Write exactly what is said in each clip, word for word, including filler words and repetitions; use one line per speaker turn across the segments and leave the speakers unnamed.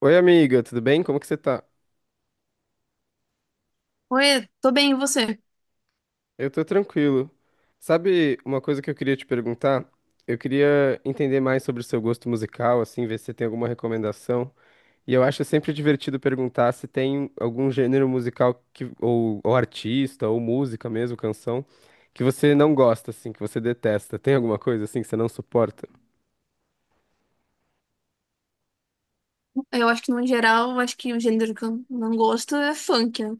Oi, amiga, tudo bem? Como que você tá?
Oi, tô bem, e você?
Eu tô tranquilo. Sabe uma coisa que eu queria te perguntar? Eu queria entender mais sobre o seu gosto musical, assim, ver se você tem alguma recomendação. E eu acho sempre divertido perguntar se tem algum gênero musical que, ou, ou artista, ou música mesmo, canção, que você não gosta, assim, que você detesta. Tem alguma coisa, assim, que você não suporta?
Eu acho que, no geral, eu acho que o gênero que eu não gosto é funk, né?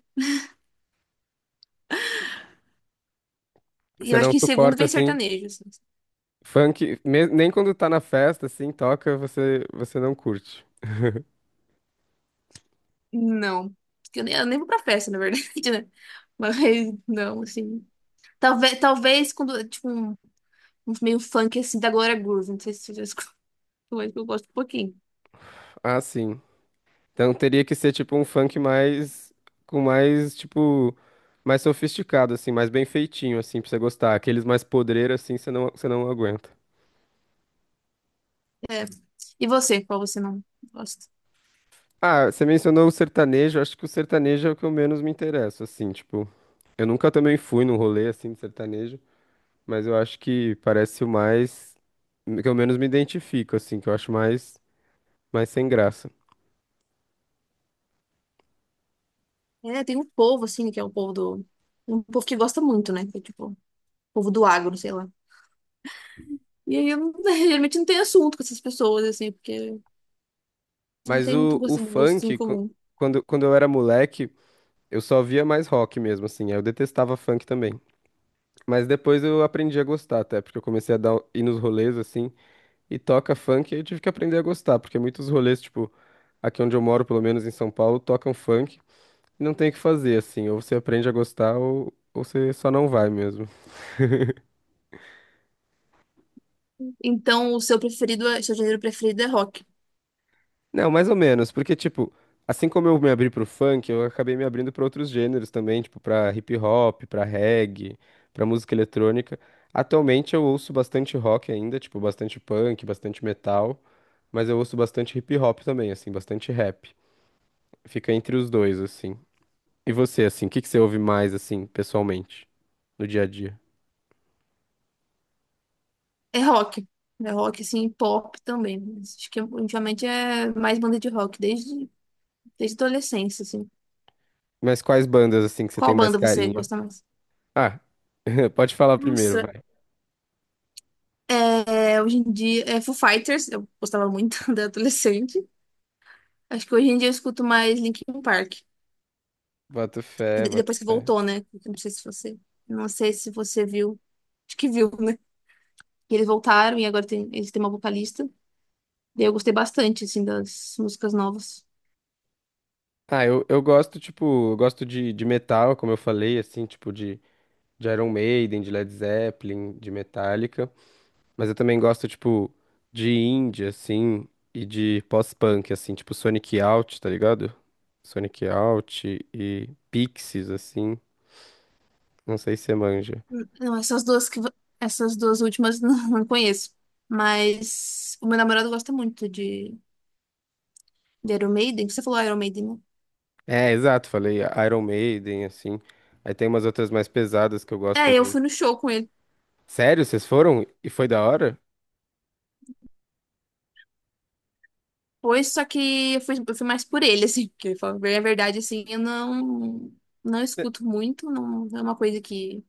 E
Você
eu acho
não
que em segundo
suporta,
vem
assim,
sertanejo, assim.
funk, me- nem quando tá na festa, assim, toca, você, você não curte.
Não. Porque Eu nem, eu nem vou pra festa, na verdade, né? Mas não, assim. Talvez, talvez quando, tipo, um, um meio funk, assim, da Glória Groove. Não sei se você já escutou, mas eu gosto um pouquinho.
Ah, sim. Então teria que ser tipo um funk mais com mais tipo mais sofisticado assim, mais bem feitinho assim pra você gostar. Aqueles mais podreiros assim, você não você não aguenta.
É. E você? Qual você não gosta?
Ah, você mencionou o sertanejo, acho que o sertanejo é o que eu menos me interesso assim, tipo, eu nunca também fui num rolê assim de sertanejo, mas eu acho que parece o mais que eu menos me identifico assim, que eu acho mais mais sem graça.
É, tem um povo, assim, que é o povo do... Um povo que gosta muito, né? Que é, tipo, o povo do agro, sei lá. E aí eu geralmente não tenho assunto com essas pessoas, assim, porque não
Mas
tem muito
o, o
gosto, gosto em
funk, qu-
comum.
quando, quando eu era moleque, eu só via mais rock mesmo, assim. Aí eu detestava funk também. Mas depois eu aprendi a gostar até, porque eu comecei a dar, ir nos rolês assim, e toca funk, e eu tive que aprender a gostar, porque muitos rolês, tipo, aqui onde eu moro, pelo menos em São Paulo, tocam funk, e não tem o que fazer, assim, ou você aprende a gostar, ou, ou você só não vai mesmo.
Então, o seu preferido, é- seu gênero preferido é rock.
Não, mais ou menos, porque, tipo, assim como eu me abri pro funk, eu acabei me abrindo pra outros gêneros também, tipo, pra hip hop, pra reggae, pra música eletrônica. Atualmente eu ouço bastante rock ainda, tipo, bastante punk, bastante metal. Mas eu ouço bastante hip hop também, assim, bastante rap. Fica entre os dois, assim. E você, assim, o que que você ouve mais, assim, pessoalmente, no dia a dia?
É rock. É rock, assim, e pop também. Mas acho que ultimamente é mais banda de rock, desde, desde a adolescência, assim.
Mas quais bandas, assim, que você
Qual
tem mais
banda você
carinho?
gosta mais?
Ah, pode falar primeiro,
Nossa,
vai.
é, hoje em dia é Foo Fighters, eu gostava muito da adolescente. Acho que hoje em dia eu escuto mais Linkin Park,
Boto
que
fé,
de-
boto
depois que
fé.
voltou, né? Não sei se você, não sei se você viu, acho que viu, né? Que eles voltaram e agora tem, eles têm uma vocalista. E eu gostei bastante, assim, das músicas novas.
Ah, eu, eu gosto, tipo, eu gosto de, de metal, como eu falei, assim, tipo, de, de Iron Maiden, de Led Zeppelin, de Metallica. Mas eu também gosto, tipo, de indie, assim, e de pós-punk, assim, tipo Sonic Youth, tá ligado? Sonic Youth e Pixies, assim, não sei se você manja.
Não, essas duas que... vo- Essas duas últimas não não conheço. Mas o meu namorado gosta muito de, de Iron Maiden. Você falou Iron Maiden, né?
É, exato, falei Iron Maiden, assim. Aí tem umas outras mais pesadas que eu gosto
É, eu
também.
fui no show com ele.
Sério, vocês foram? E foi da hora?
Pois, só que eu fui, eu fui mais por ele, assim. Porque, pra ver a verdade, assim, eu não... Não
Cê-
escuto muito. Não é uma coisa que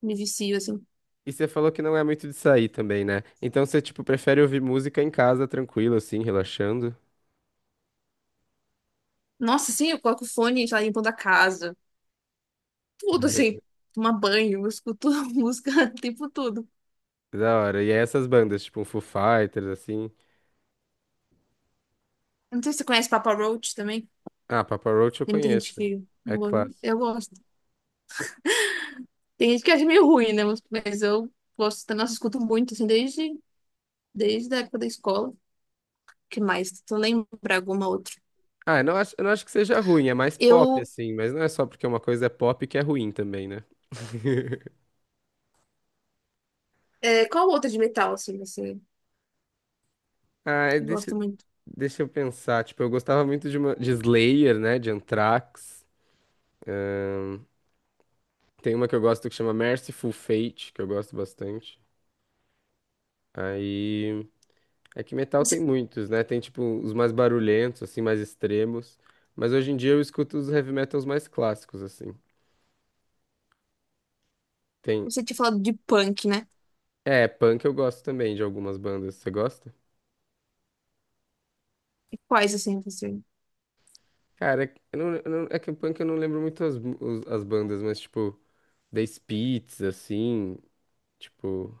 me vicio, assim.
E você falou que não é muito de sair também, né? Então você, tipo, prefere ouvir música em casa, tranquilo, assim, relaxando.
Nossa, sim, eu coloco fone, sei lá, limpando a casa. Tudo, assim. Tomar banho, eu escuto música, tipo tudo.
Da hora. E aí essas bandas, tipo, um Foo Fighters, assim.
Não sei se você conhece Papa Roach também.
Ah, Papa Roach eu
Tem muita gente
conheço.
que.
É
Eu eu
clássico.
gosto. Tem gente que acha meio ruim, né? Mas mas eu gosto. Nossa, escuto muito, assim, desde, desde a época da escola. Que mais? Se eu lembrar alguma outra.
Ah, eu não acho, eu não acho que seja ruim, é mais pop,
Eu.
assim, mas não é só porque uma coisa é pop que é ruim também, né?
É, qual outra de metal, assim, você
Ah, é-
gosta
deixa,
muito?
deixa eu pensar. Tipo, eu gostava muito de, uma, de Slayer, né? De Anthrax. Tem uma que eu gosto que chama Merciful Fate, que eu gosto bastante. Aí. É que metal
Você,
tem muitos, né? Tem, tipo, os mais barulhentos, assim, mais extremos. Mas hoje em dia eu escuto os heavy metals mais clássicos, assim. Tem.
você tinha falado de punk, né?
É, punk eu gosto também de algumas bandas. Você gosta?
E quais, assim, você.
Cara, é que eu não, eu não- é que punk eu não lembro muito as, os- as bandas, mas tipo, The Spits, assim, tipo,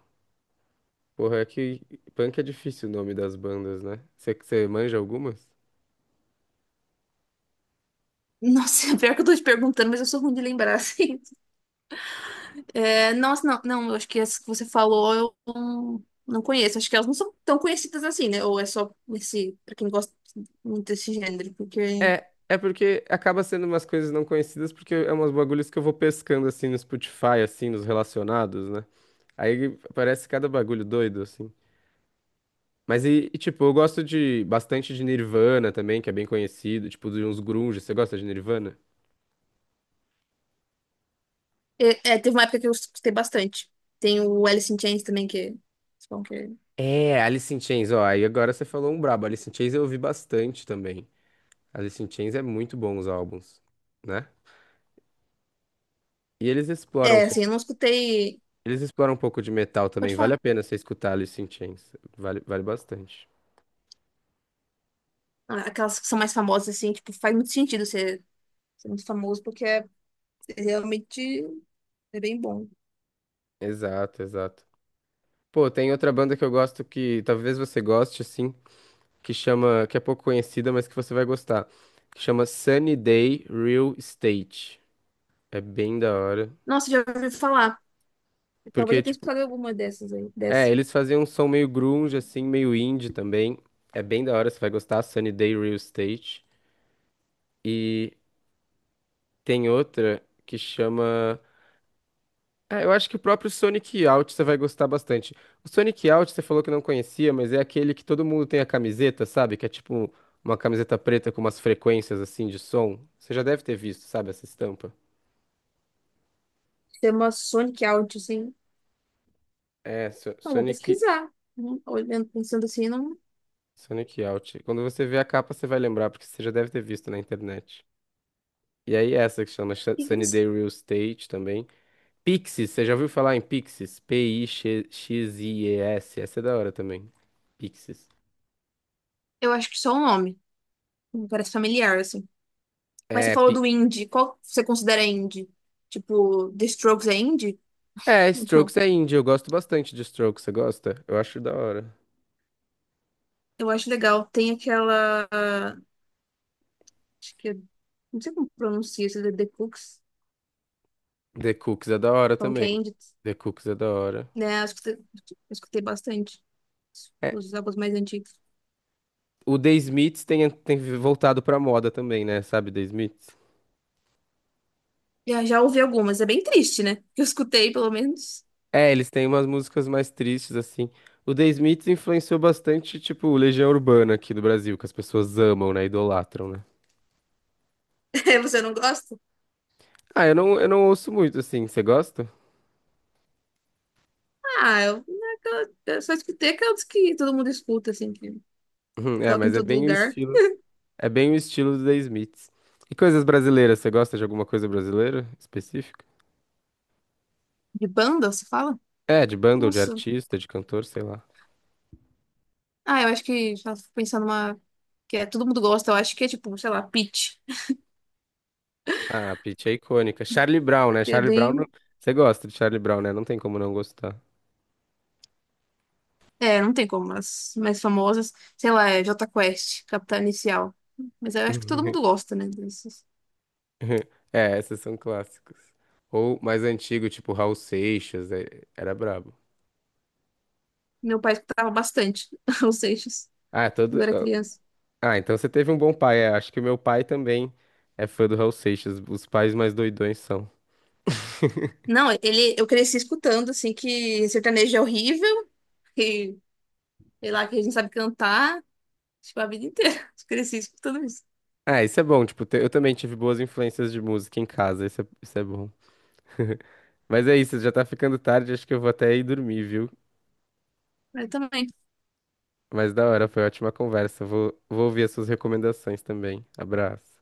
porra, é que punk é difícil o nome das bandas, né? Você você manja algumas?
Nossa, pior que eu tô te perguntando, mas eu sou ruim de lembrar, assim. É, nossa, não, não, eu acho que as que você falou eu não, não conheço. Acho que elas não são tão conhecidas assim, né? Ou é só esse, pra quem gosta muito desse gênero, porque.
É, é porque acaba sendo umas coisas não conhecidas, porque é umas bagulhos que eu vou pescando assim no Spotify, assim, nos relacionados, né? Aí parece cada bagulho doido, assim. Mas e, e, tipo, eu gosto de bastante de Nirvana também, que é bem conhecido, tipo, de uns grunge. Você gosta de Nirvana?
É, é, teve uma época que eu escutei bastante. Tem o Alice in Chains também, que... é bom que-
É, Alice in Chains, ó, aí agora você falou um brabo. Alice in Chains eu ouvi bastante também. Alice in Chains é muito bom os álbuns, né? E eles
É,
exploram, um
é, assim,
pouco-
eu não escutei...
eles exploram um pouco de metal
Pode
também. Vale
falar.
a pena você escutar Alice in Chains. Vale, vale bastante.
Ah, aquelas que são mais famosas, assim, tipo, faz muito sentido ser, ser muito famoso, porque é, é realmente é bem bom.
Exato, exato. Pô, tem outra banda que eu gosto que talvez você goste, assim, que chama, que é pouco conhecida, mas que você vai gostar. Que chama Sunny Day Real Estate. É bem da hora.
Nossa, já ouvi falar. Talvez
Porque,
eu tenha
tipo,
escutado alguma dessas aí,
é,
dessas.
eles faziam um som meio grunge, assim, meio indie também. É bem da hora, você vai gostar. Sunny Day Real Estate. E tem outra que chama. Ah, eu acho que o próprio Sonic Youth você vai gostar bastante. O Sonic Youth você falou que não conhecia, mas é aquele que todo mundo tem a camiseta, sabe? Que é tipo uma camiseta preta com umas frequências assim de som. Você já deve ter visto, sabe, essa estampa.
Chama Sonic Out, assim.
É, So-
Então vou
Sonic,
pesquisar. Uhum. Olhando, pensando assim, não... O
Sonic Youth. Quando você vê a capa, você vai lembrar, porque você já deve ter visto na internet. E aí essa que chama Sh-
que que você...
Sunnyday Real Estate também. Pixies, você já ouviu falar em Pixies? P-I-X-I-E-S. Essa é da hora também. Pixies.
Eu acho que só o nome. Me parece familiar, assim. Mas você
É,
falou
pi...
do indie. Qual você considera indie? Tipo, The Strokes é indie?
é,
Então,
Strokes é indie. Eu gosto bastante de Strokes. Você gosta? Eu acho da hora.
eu acho legal. Tem aquela. Acho que. É- não sei como pronuncia isso, The The Cooks.
The Cooks é da hora
Falam que é
também.
indie.
The Cooks é da hora.
Né? Eu escutei, eu escutei bastante
É,
os álbuns mais antigos.
o The Smiths tem, tem voltado pra moda também, né? Sabe, The Smiths?
Já, já ouvi algumas. É bem triste, né? Que eu escutei, pelo menos.
É, eles têm umas músicas mais tristes, assim. O The Smiths influenciou bastante, tipo, Legião Urbana aqui do Brasil, que as pessoas amam, né? Idolatram, né?
É, você não gosta?
Ah, eu não, eu não ouço muito, assim. Você gosta?
Ah, eu, eu eu só escutei aquelas que todo mundo escuta, assim, que
Uhum, é,
toca em
mas é
todo
bem o
lugar.
estilo. É bem o estilo do The Smiths. E coisas brasileiras, você gosta de alguma coisa brasileira específica?
De banda, você fala?
É, de banda ou de
Nossa.
artista, de cantor, sei lá.
Ah, eu acho que já fico pensando numa que é, todo mundo gosta, eu acho que é tipo, sei lá, Peach.
Ah, Pitty é icônica. Charlie Brown, né?
É
Charlie Brown.
bem.
Não- Você gosta de Charlie Brown, né? Não tem como não gostar.
É, não tem como, as mais famosas, sei lá, é Jota Quest, Capital Inicial. Mas eu acho que todo mundo gosta, né? Desses.
É, essas são clássicos. Ou mais antigo, tipo Raul Seixas, é- era brabo.
Meu pai escutava bastante os Seixas
Ah,
quando
todo.
eu era criança.
Ah, então você teve um bom pai. É, acho que o meu pai também é fã do Raul Seixas. Os pais mais doidões são.
Não, ele, eu cresci escutando, assim, que sertanejo é horrível, que, sei lá, que a gente sabe cantar, tipo, a vida inteira. Eu cresci escutando isso.
Ah, isso é bom. Tipo, te- eu também tive boas influências de música em casa. Isso é, isso é bom. Mas é isso, já tá ficando tarde. Acho que eu vou até ir dormir, viu?
Eu também.
Mas da hora, foi ótima conversa. Vou, vou ouvir as suas recomendações também. Abraço.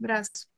Abraço.